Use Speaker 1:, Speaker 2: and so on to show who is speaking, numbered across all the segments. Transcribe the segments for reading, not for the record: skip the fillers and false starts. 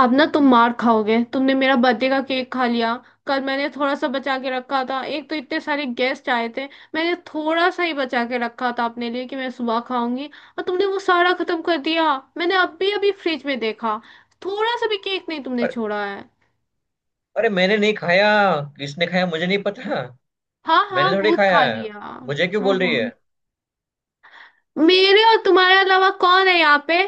Speaker 1: अब ना तुम मार खाओगे। तुमने मेरा बर्थडे का केक खा लिया। कल मैंने थोड़ा सा बचा के रखा था, एक तो इतने सारे गेस्ट आए थे। मैंने थोड़ा सा ही बचा के रखा था अपने लिए कि मैं सुबह खाऊंगी। और तुमने वो सारा खत्म कर दिया। मैंने अभी अभी फ्रिज में देखा, थोड़ा सा भी केक नहीं तुमने
Speaker 2: और
Speaker 1: छोड़ा है।
Speaker 2: अरे, मैंने नहीं खाया। किसने खाया मुझे नहीं पता।
Speaker 1: हाँ
Speaker 2: मैंने
Speaker 1: हाँ,
Speaker 2: थोड़ी
Speaker 1: भूत खा
Speaker 2: खाया है।
Speaker 1: लिया।
Speaker 2: मुझे क्यों बोल रही है?
Speaker 1: मेरे और तुम्हारे अलावा कौन है यहाँ पे?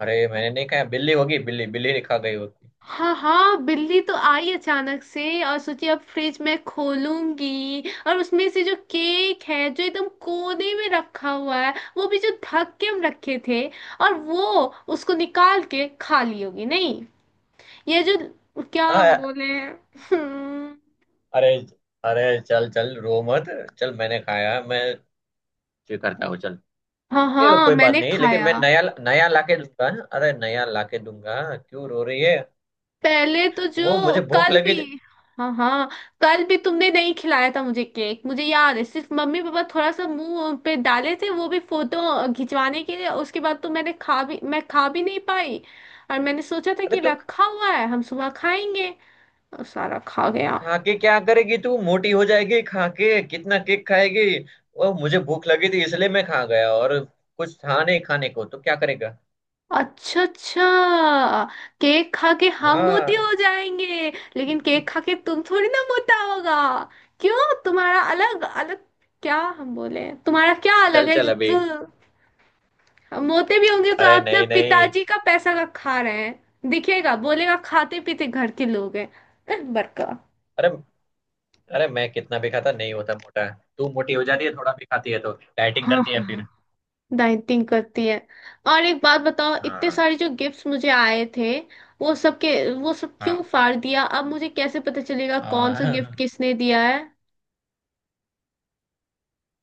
Speaker 2: अरे मैंने नहीं खाया, बिल्ली होगी, बिल्ली, बिल्ली ने खा गई होगी।
Speaker 1: हाँ हाँ, बिल्ली तो आई अचानक से और सोची अब फ्रिज में खोलूंगी, और उसमें से जो केक है जो एकदम कोने में रखा हुआ है, वो भी जो ढक के हम रखे थे, और वो उसको निकाल के खा ली होगी? नहीं। ये जो क्या हम
Speaker 2: हाँ।
Speaker 1: बोले। हम्म।
Speaker 2: अरे अरे, चल चल, रो मत। चल मैंने खाया, मैं स्वीकारता हूँ, चल।
Speaker 1: हाँ हाँ,
Speaker 2: कोई बात
Speaker 1: मैंने
Speaker 2: नहीं, लेकिन मैं
Speaker 1: खाया।
Speaker 2: नया नया लाके दूंगा। अरे नया लाके दूंगा, क्यों रो रही है?
Speaker 1: पहले तो
Speaker 2: वो
Speaker 1: जो
Speaker 2: मुझे भूख
Speaker 1: कल भी।
Speaker 2: लगी।
Speaker 1: हाँ हाँ, कल भी तुमने नहीं खिलाया था मुझे केक। मुझे याद है सिर्फ मम्मी पापा थोड़ा सा मुंह पे डाले थे, वो भी फोटो खिंचवाने के लिए। उसके बाद तो मैंने खा भी, मैं खा भी नहीं पाई। और मैंने सोचा था
Speaker 2: अरे
Speaker 1: कि
Speaker 2: तू
Speaker 1: रखा हुआ है, हम सुबह खाएंगे। और सारा खा गया।
Speaker 2: खा के क्या करेगी? तू मोटी हो जाएगी खा के, कितना केक खाएगी? वो मुझे भूख लगी थी इसलिए मैं खा गया, और कुछ था नहीं खाने को तो क्या करेगा।
Speaker 1: अच्छा अच्छा, केक खा के हम मोटे
Speaker 2: हाँ,
Speaker 1: हो जाएंगे। लेकिन केक खा के तुम थोड़ी ना मोटा होगा। क्यों तुम्हारा अलग अलग? क्या हम बोले, तुम्हारा क्या अलग
Speaker 2: चल
Speaker 1: है
Speaker 2: चल
Speaker 1: जो
Speaker 2: अभी।
Speaker 1: तू। हम मोटे भी होंगे तो
Speaker 2: अरे
Speaker 1: अपना
Speaker 2: नहीं नहीं।
Speaker 1: पिताजी का पैसा का खा रहे हैं। दिखेगा, बोलेगा खाते पीते घर के लोग हैं। बड़का।
Speaker 2: अरे, अरे मैं कितना भी खाता नहीं होता मोटा। तू मोटी हो जाती है, थोड़ा भी खाती है तो डाइटिंग करती है
Speaker 1: हाँ,
Speaker 2: फिर।
Speaker 1: डाइटिंग करती है। और एक बात बताओ, इतने
Speaker 2: हाँ
Speaker 1: सारे जो गिफ्ट्स मुझे आए थे वो सब के वो सब क्यों
Speaker 2: हाँ,
Speaker 1: फाड़ दिया? अब मुझे कैसे पता चलेगा कौन सा गिफ्ट
Speaker 2: हाँ,
Speaker 1: किसने दिया है?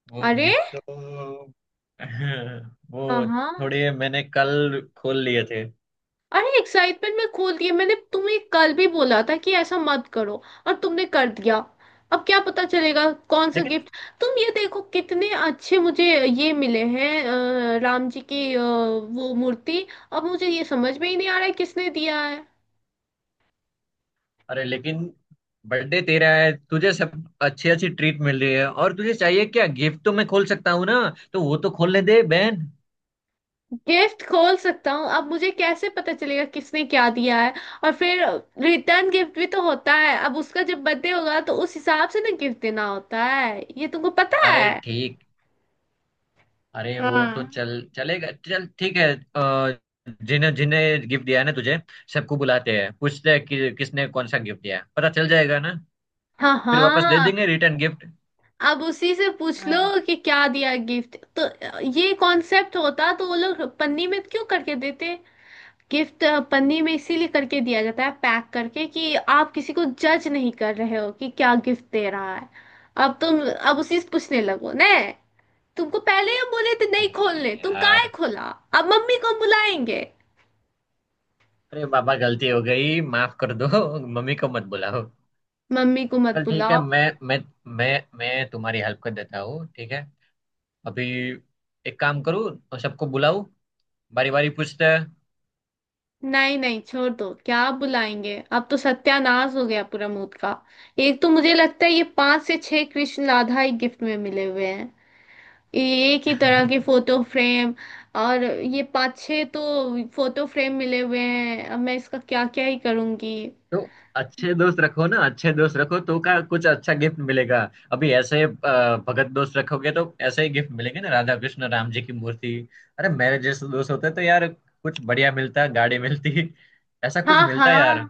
Speaker 2: वो
Speaker 1: अरे।
Speaker 2: गिफ्ट तो वो
Speaker 1: हाँ।
Speaker 2: थोड़े मैंने कल खोल लिए थे।
Speaker 1: अरे एक्साइटमेंट में खोल दिए। मैंने तुम्हें कल भी बोला था कि ऐसा मत करो, और तुमने कर दिया। अब क्या पता चलेगा कौन सा
Speaker 2: लेकिन
Speaker 1: गिफ्ट? तुम ये देखो कितने अच्छे मुझे ये मिले हैं, राम जी की, वो मूर्ति। अब मुझे ये समझ में ही नहीं आ रहा है किसने दिया है।
Speaker 2: अरे, लेकिन बर्थडे तेरा है, तुझे सब अच्छी अच्छी ट्रीट मिल रही है, और तुझे चाहिए क्या? गिफ्ट तो मैं खोल सकता हूँ ना। तो वो तो खोलने दे बहन।
Speaker 1: गिफ्ट खोल सकता हूँ, अब मुझे कैसे पता चलेगा किसने क्या दिया है? और फिर रिटर्न गिफ्ट भी तो होता है। अब उसका जब बर्थडे होगा तो उस हिसाब से ना गिफ्ट देना होता है, ये तुमको पता
Speaker 2: अरे
Speaker 1: है?
Speaker 2: ठीक, अरे वो तो
Speaker 1: हाँ
Speaker 2: चल, चलेगा, चल ठीक है। अ, जिन्हें जिन्हें गिफ्ट दिया है ना तुझे, सबको बुलाते हैं, पूछते हैं कि किसने कौन सा गिफ्ट दिया है, पता चल जाएगा ना।
Speaker 1: हाँ
Speaker 2: फिर वापस दे
Speaker 1: हाँ।
Speaker 2: देंगे रिटर्न गिफ्ट।
Speaker 1: अब उसी से पूछ लो
Speaker 2: हाँ।
Speaker 1: कि क्या दिया गिफ्ट। तो ये कॉन्सेप्ट होता तो वो लोग पन्नी में क्यों करके देते गिफ्ट? पन्नी में इसीलिए करके दिया जाता है, पैक करके, कि आप किसी को जज नहीं कर रहे हो कि क्या गिफ्ट दे रहा है। अब तुम अब उसी से पूछने लगो ना। तुमको पहले ही हम बोले थे नहीं
Speaker 2: अरे
Speaker 1: खोलने, तुम काहे
Speaker 2: यार,
Speaker 1: खोला? अब मम्मी को बुलाएंगे।
Speaker 2: अरे बाबा गलती हो गई, माफ कर दो। मम्मी को मत बुलाओ।
Speaker 1: मम्मी को मत
Speaker 2: चल ठीक है।
Speaker 1: बुलाओ।
Speaker 2: मैं मैं मैं तुम्हारी हेल्प कर देता हूँ, ठीक है। अभी एक काम करूँ और सबको बुलाऊं, बारी बारी पूछते हैं।
Speaker 1: नहीं नहीं, छोड़ दो, क्या बुलाएंगे? अब तो सत्यानाश हो गया पूरा मूड का। एक तो मुझे लगता है ये पांच से छह कृष्ण राधा ही गिफ्ट में मिले हुए हैं, ये एक ही तरह के फोटो फ्रेम। और ये पांच छह तो फोटो फ्रेम मिले हुए हैं, अब मैं इसका क्या क्या ही करूंगी।
Speaker 2: तो अच्छे दोस्त रखो ना, अच्छे दोस्त रखो तो का कुछ अच्छा गिफ्ट मिलेगा। अभी ऐसे भगत दोस्त रखोगे तो ऐसे ही गिफ्ट मिलेंगे ना, राधा कृष्ण राम जी की मूर्ति। अरे मेरे जैसे दोस्त होते तो यार कुछ बढ़िया मिलता, गाड़ी मिलती, ऐसा कुछ
Speaker 1: हाँ
Speaker 2: मिलता
Speaker 1: हाँ।
Speaker 2: यार।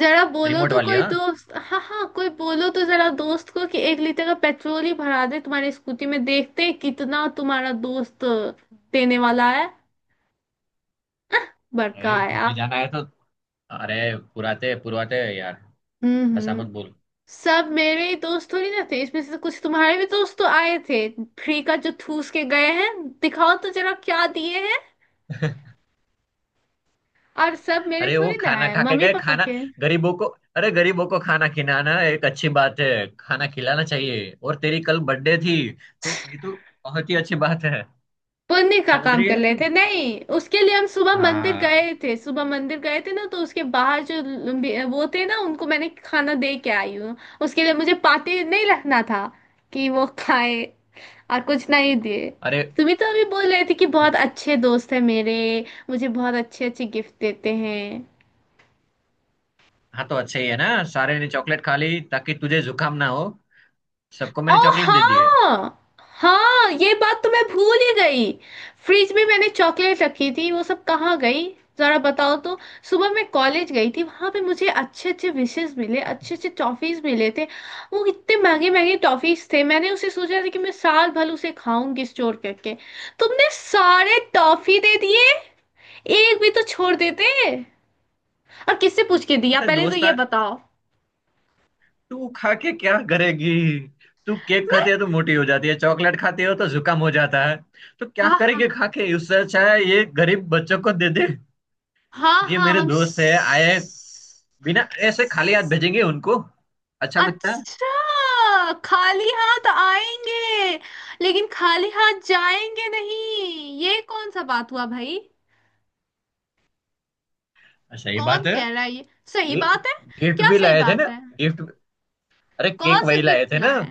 Speaker 1: जरा बोलो
Speaker 2: रिमोट
Speaker 1: तो
Speaker 2: वाली
Speaker 1: कोई
Speaker 2: हाँ।
Speaker 1: दोस्त, हाँ हाँ, कोई बोलो तो जरा दोस्त को कि 1 लीटर का पेट्रोल ही भरा दे तुम्हारी स्कूटी में, देखते हैं कितना तुम्हारा दोस्त देने वाला है। बड़का
Speaker 2: अरे घूमने
Speaker 1: आया।
Speaker 2: जाना है तो अरे पुराते पुरवाते यार, ऐसा
Speaker 1: हम्म।
Speaker 2: मत बोल।
Speaker 1: सब मेरे ही दोस्त थोड़ी ना थे, इसमें से तो कुछ तुम्हारे भी दोस्त तो आए थे। फ्री का जो ठूस के गए हैं, दिखाओ तो जरा क्या दिए हैं। और सब मेरे
Speaker 2: अरे वो
Speaker 1: थोड़ी ना
Speaker 2: खाना
Speaker 1: है,
Speaker 2: खा के
Speaker 1: मम्मी
Speaker 2: गए,
Speaker 1: पापा
Speaker 2: खाना
Speaker 1: के।
Speaker 2: गरीबों को। अरे गरीबों को खाना खिलाना एक अच्छी बात है। खाना खिलाना चाहिए, और तेरी कल बर्थडे थी तो ये तो बहुत ही अच्छी बात है।
Speaker 1: पुण्य का
Speaker 2: समझ
Speaker 1: काम
Speaker 2: रही
Speaker 1: कर
Speaker 2: है
Speaker 1: रहे
Speaker 2: तू?
Speaker 1: थे। नहीं, उसके लिए हम सुबह मंदिर
Speaker 2: हाँ,
Speaker 1: गए थे। सुबह मंदिर गए थे ना, तो उसके बाहर जो वो थे ना, उनको मैंने खाना दे के आई हूँ। उसके लिए मुझे पाते नहीं रखना था कि वो खाए। और कुछ नहीं दिए।
Speaker 2: अरे
Speaker 1: तुम ही तो अभी बोल रहे थे कि बहुत
Speaker 2: वो-
Speaker 1: अच्छे दोस्त हैं मेरे, मुझे बहुत अच्छे अच्छे गिफ्ट देते हैं।
Speaker 2: हाँ, तो अच्छा ही है ना, सारे ने चॉकलेट खा ली ताकि तुझे जुकाम ना हो। सबको
Speaker 1: ओ
Speaker 2: मैंने चॉकलेट दे दी है।
Speaker 1: हाँ। हाँ, ये बात तो मैं भूल ही गई। फ्रिज में मैंने चॉकलेट रखी थी, वो सब कहाँ गई? जरा बताओ तो। सुबह मैं कॉलेज गई थी, वहां पे मुझे अच्छे अच्छे विशेस मिले, अच्छे अच्छे टॉफीज मिले थे। वो इतने महंगे महंगे टॉफीज थे, मैंने उसे सोचा था कि मैं साल भर उसे खाऊंगी स्टोर करके। तुमने सारे टॉफी दे दिए। एक भी तो छोड़ देते। और किससे पूछ के दिया
Speaker 2: अरे
Speaker 1: पहले तो
Speaker 2: दोस्त,
Speaker 1: ये बताओ।
Speaker 2: तू खा के क्या करेगी? तू केक
Speaker 1: मैं।
Speaker 2: खाती है तो मोटी हो जाती है, चॉकलेट खाती हो तो जुकाम हो जाता है, तो क्या
Speaker 1: हाँ हाँ।
Speaker 2: करेगी खा के? उससे अच्छा है ये गरीब बच्चों को दे दे।
Speaker 1: हाँ
Speaker 2: ये
Speaker 1: हाँ।
Speaker 2: मेरे
Speaker 1: हम
Speaker 2: दोस्त है, आए बिना ऐसे खाली हाथ
Speaker 1: स-
Speaker 2: भेजेंगे उनको, अच्छा लगता है?
Speaker 1: अच्छा, खाली हाथ आएंगे लेकिन खाली हाथ जाएंगे नहीं, ये कौन सा बात हुआ भाई?
Speaker 2: सही
Speaker 1: कौन
Speaker 2: बात है,
Speaker 1: कह रहा है ये सही बात है?
Speaker 2: गिफ्ट
Speaker 1: क्या
Speaker 2: भी
Speaker 1: सही
Speaker 2: लाए थे ना।
Speaker 1: बात है?
Speaker 2: गिफ्ट, अरे केक
Speaker 1: कौन सा
Speaker 2: वही लाए
Speaker 1: गिफ्ट
Speaker 2: थे ना।
Speaker 1: लाए?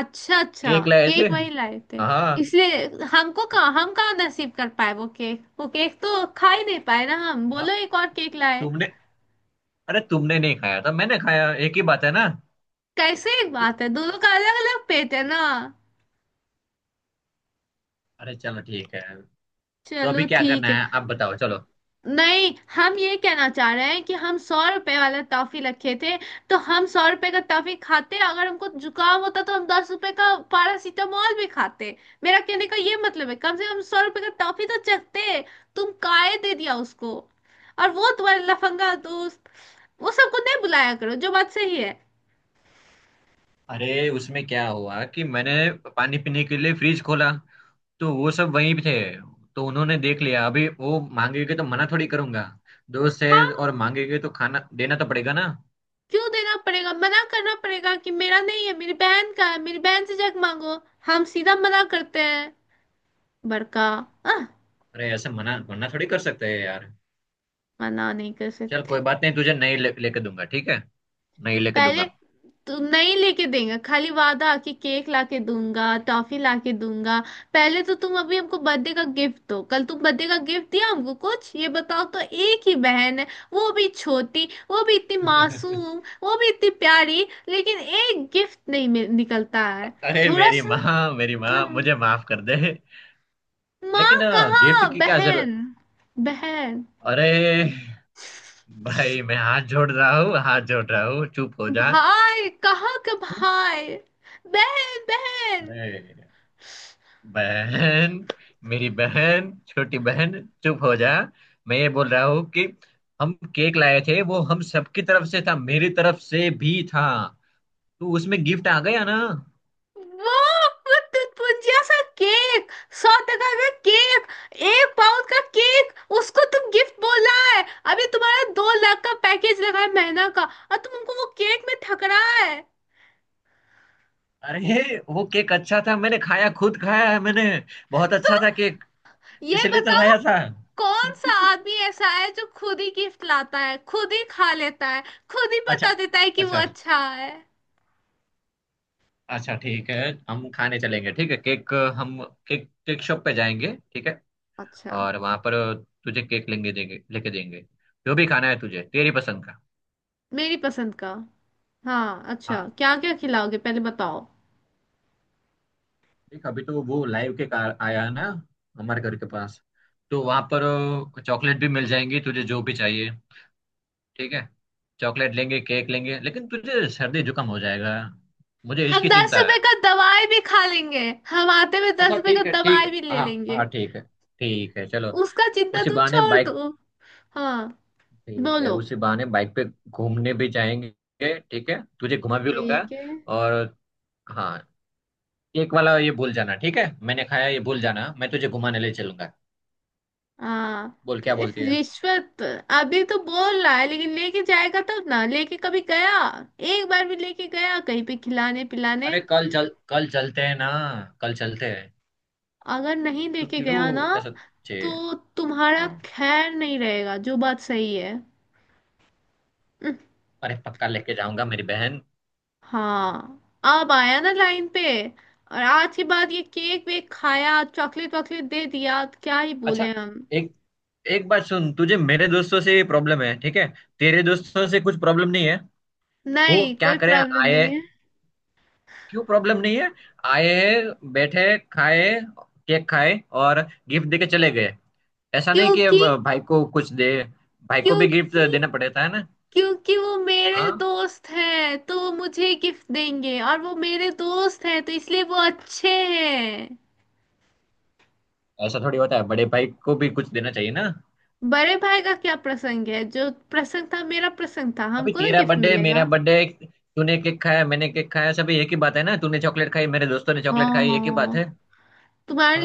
Speaker 1: अच्छा अच्छा,
Speaker 2: केक लाए थे।
Speaker 1: केक वही लाए थे?
Speaker 2: हाँ।
Speaker 1: इसलिए हमको कहाँ, हम कहाँ नसीब कर पाए वो केक? वो केक तो खा ही नहीं पाए ना हम,
Speaker 2: हाँ,
Speaker 1: बोलो। एक और केक लाए।
Speaker 2: तुमने, अरे तुमने नहीं खाया था, मैंने खाया, एक ही बात है ना।
Speaker 1: कैसे एक बात है? दोनों का अलग अलग पेट है ना।
Speaker 2: अरे चलो ठीक है, तो अभी
Speaker 1: चलो
Speaker 2: क्या करना
Speaker 1: ठीक है।
Speaker 2: है आप बताओ, चलो।
Speaker 1: नहीं, हम ये कहना चाह रहे हैं कि हम 100 रुपए वाला टॉफी रखे थे। तो हम सौ रुपए का टॉफी खाते, अगर हमको जुकाम होता तो हम 10 रुपए का पैरासीटामोल भी खाते। मेरा कहने का ये मतलब है कम से कम 100 रुपए का टॉफी तो चखते। तुम काहे दे दिया उसको? और वो तुम्हारे लफंगा दोस्त, वो सबको नहीं बुलाया करो, जो बात सही है।
Speaker 2: अरे उसमें क्या हुआ कि मैंने पानी पीने के लिए फ्रिज खोला, तो वो सब वहीं पे थे, तो उन्होंने देख लिया। अभी वो मांगेंगे तो मना थोड़ी करूंगा, दोस्त है
Speaker 1: हाँ।
Speaker 2: और मांगेंगे तो खाना देना तो पड़ेगा ना।
Speaker 1: क्यों देना पड़ेगा? मना करना पड़ेगा कि मेरा नहीं है, मेरी बहन का है, मेरी बहन से जग मांगो। हम सीधा मना करते हैं। बड़का।
Speaker 2: अरे ऐसे मना मना थोड़ी कर सकते हैं यार।
Speaker 1: मना नहीं कर
Speaker 2: चल कोई
Speaker 1: सकते?
Speaker 2: बात नहीं, तुझे नहीं ले, लेके दूंगा, ठीक है, नहीं लेके
Speaker 1: पहले।
Speaker 2: दूंगा।
Speaker 1: तू नहीं लेके देगा, खाली वादा कि केक लाके दूंगा, टॉफी लाके दूंगा। पहले तो तुम अभी हमको बर्थडे का गिफ्ट दो, कल तुम बर्थडे का गिफ्ट दिया हमको कुछ? ये बताओ तो। एक ही बहन है, वो भी छोटी, वो भी इतनी मासूम, वो भी इतनी प्यारी, लेकिन एक गिफ्ट नहीं निकलता है
Speaker 2: अरे
Speaker 1: थोड़ा
Speaker 2: मेरी
Speaker 1: सा।
Speaker 2: माँ, मेरी माँ
Speaker 1: हाँ,
Speaker 2: मुझे माफ कर दे।
Speaker 1: माँ
Speaker 2: लेकिन गिफ्ट
Speaker 1: कहाँ,
Speaker 2: की क्या जरूरत?
Speaker 1: बहन। बहन।
Speaker 2: अरे भाई मैं हाथ जोड़ रहा हूँ, हाथ जोड़ रहा हूँ, चुप हो जा
Speaker 1: भाई कहाँ का
Speaker 2: तू।
Speaker 1: भाई? बहन बहन।
Speaker 2: अरे बहन, मेरी बहन, छोटी बहन, चुप हो जा। मैं ये बोल रहा हूँ कि हम केक लाए थे, वो हम सबकी तरफ से था, मेरी तरफ से भी था, तो उसमें गिफ्ट आ गया ना।
Speaker 1: वो वो तुतपुंजिया सा केक, 100 टका का केक, 1 पाउंड का केक, उसको तुम गिफ्ट बोल रहा है? अभी तुम्हारा 2 लाख का पैकेज लगा है महीना का, और तुम हमको वो केक में ठग रहा है?
Speaker 2: अरे वो केक अच्छा था, मैंने खाया, खुद खाया है मैंने, बहुत अच्छा था केक,
Speaker 1: ये
Speaker 2: इसलिए तो
Speaker 1: बताओ,
Speaker 2: लाया था।
Speaker 1: कौन सा आदमी ऐसा है जो खुद ही गिफ्ट लाता है, खुद ही खा लेता है, खुद ही बता
Speaker 2: अच्छा
Speaker 1: देता है कि वो
Speaker 2: अच्छा,
Speaker 1: अच्छा है।
Speaker 2: अच्छा ठीक है, हम खाने चलेंगे, ठीक है, केक हम केक, केक शॉप पे जाएंगे, ठीक है,
Speaker 1: अच्छा।
Speaker 2: और वहां पर तुझे केक लेंगे, देंगे, लेके देंगे, जो भी खाना है तुझे तेरी पसंद का।
Speaker 1: मेरी पसंद का। हाँ, अच्छा
Speaker 2: हाँ,
Speaker 1: क्या क्या खिलाओगे पहले बताओ।
Speaker 2: देख अभी तो वो लाइव के कार आया है ना, हमारे घर के पास, तो वहां पर चॉकलेट भी मिल जाएंगी तुझे, जो भी चाहिए, ठीक है। चॉकलेट लेंगे, केक लेंगे, लेकिन तुझे सर्दी जुकाम हो जाएगा, मुझे
Speaker 1: हम
Speaker 2: इसकी
Speaker 1: दस
Speaker 2: चिंता
Speaker 1: रुपए
Speaker 2: है।
Speaker 1: का दवाई भी खा लेंगे। हम आते हुए दस
Speaker 2: अच्छा
Speaker 1: रुपए का
Speaker 2: ठीक है ठीक
Speaker 1: दवाई
Speaker 2: है,
Speaker 1: भी ले
Speaker 2: हाँ
Speaker 1: लेंगे।
Speaker 2: हाँ ठीक है, ठीक है चलो,
Speaker 1: उसका चिंता
Speaker 2: उसी
Speaker 1: तुम
Speaker 2: बहाने
Speaker 1: छोड़
Speaker 2: बाइक,
Speaker 1: दो। हाँ।
Speaker 2: ठीक है
Speaker 1: बोलो।
Speaker 2: उसी बहाने बाइक पे घूमने भी जाएंगे, ठीक है तुझे घुमा भी लूंगा।
Speaker 1: ठीक है।
Speaker 2: और हाँ, केक वाला ये भूल जाना, ठीक है, मैंने खाया ये भूल जाना, मैं तुझे घुमाने ले चलूंगा।
Speaker 1: हाँ।
Speaker 2: बोल
Speaker 1: तो
Speaker 2: क्या
Speaker 1: इस
Speaker 2: बोलती है?
Speaker 1: रिश्वत। अभी तो बोल रहा है, लेकिन लेके जाएगा तब ना, लेके कभी गया? एक बार भी लेके गया कहीं पे खिलाने पिलाने?
Speaker 2: अरे कल चल, कल चलते हैं ना, कल चलते हैं।
Speaker 1: अगर नहीं
Speaker 2: तो
Speaker 1: लेके
Speaker 2: क्यों,
Speaker 1: गया ना,
Speaker 2: ऐसा छे,
Speaker 1: तो तुम्हारा
Speaker 2: हाँ
Speaker 1: खैर नहीं रहेगा, जो बात सही है।
Speaker 2: अरे पक्का लेके जाऊंगा मेरी बहन।
Speaker 1: हाँ, अब आया ना लाइन पे। और आज के बाद ये केक वेक खाया, चॉकलेट वॉकलेट दे दिया, तो क्या ही
Speaker 2: अच्छा,
Speaker 1: बोले हम।
Speaker 2: एक, एक बात सुन, तुझे मेरे दोस्तों से प्रॉब्लम है ठीक है, तेरे दोस्तों से कुछ प्रॉब्लम नहीं है, वो
Speaker 1: नहीं,
Speaker 2: क्या
Speaker 1: कोई
Speaker 2: करे,
Speaker 1: प्रॉब्लम नहीं
Speaker 2: आए,
Speaker 1: है।
Speaker 2: क्यों प्रॉब्लम नहीं है? आए, बैठे, खाए, केक खाए और गिफ्ट देके चले गए। ऐसा नहीं कि
Speaker 1: क्योंकि
Speaker 2: अब भाई को कुछ दे, भाई को भी गिफ्ट
Speaker 1: क्योंकि
Speaker 2: देना पड़ता है ना।
Speaker 1: क्योंकि वो मेरे
Speaker 2: हाँ,
Speaker 1: दोस्त हैं तो वो मुझे गिफ्ट देंगे, और वो मेरे दोस्त हैं तो इसलिए वो अच्छे हैं।
Speaker 2: ऐसा थोड़ी होता है, बड़े भाई को भी कुछ देना चाहिए ना।
Speaker 1: बड़े भाई का क्या प्रसंग है? जो प्रसंग था मेरा प्रसंग था,
Speaker 2: अभी
Speaker 1: हमको ना
Speaker 2: तेरा
Speaker 1: गिफ्ट
Speaker 2: बर्थडे, मेरा
Speaker 1: मिलेगा।
Speaker 2: बर्थडे, तूने केक खाया, मैंने केक खाया, सब एक ही बात है ना, तूने चॉकलेट खाई, मेरे दोस्तों ने
Speaker 1: हाँ
Speaker 2: चॉकलेट खाई,
Speaker 1: हाँ
Speaker 2: एक ही बात
Speaker 1: हाँ।
Speaker 2: है।
Speaker 1: तुम्हारे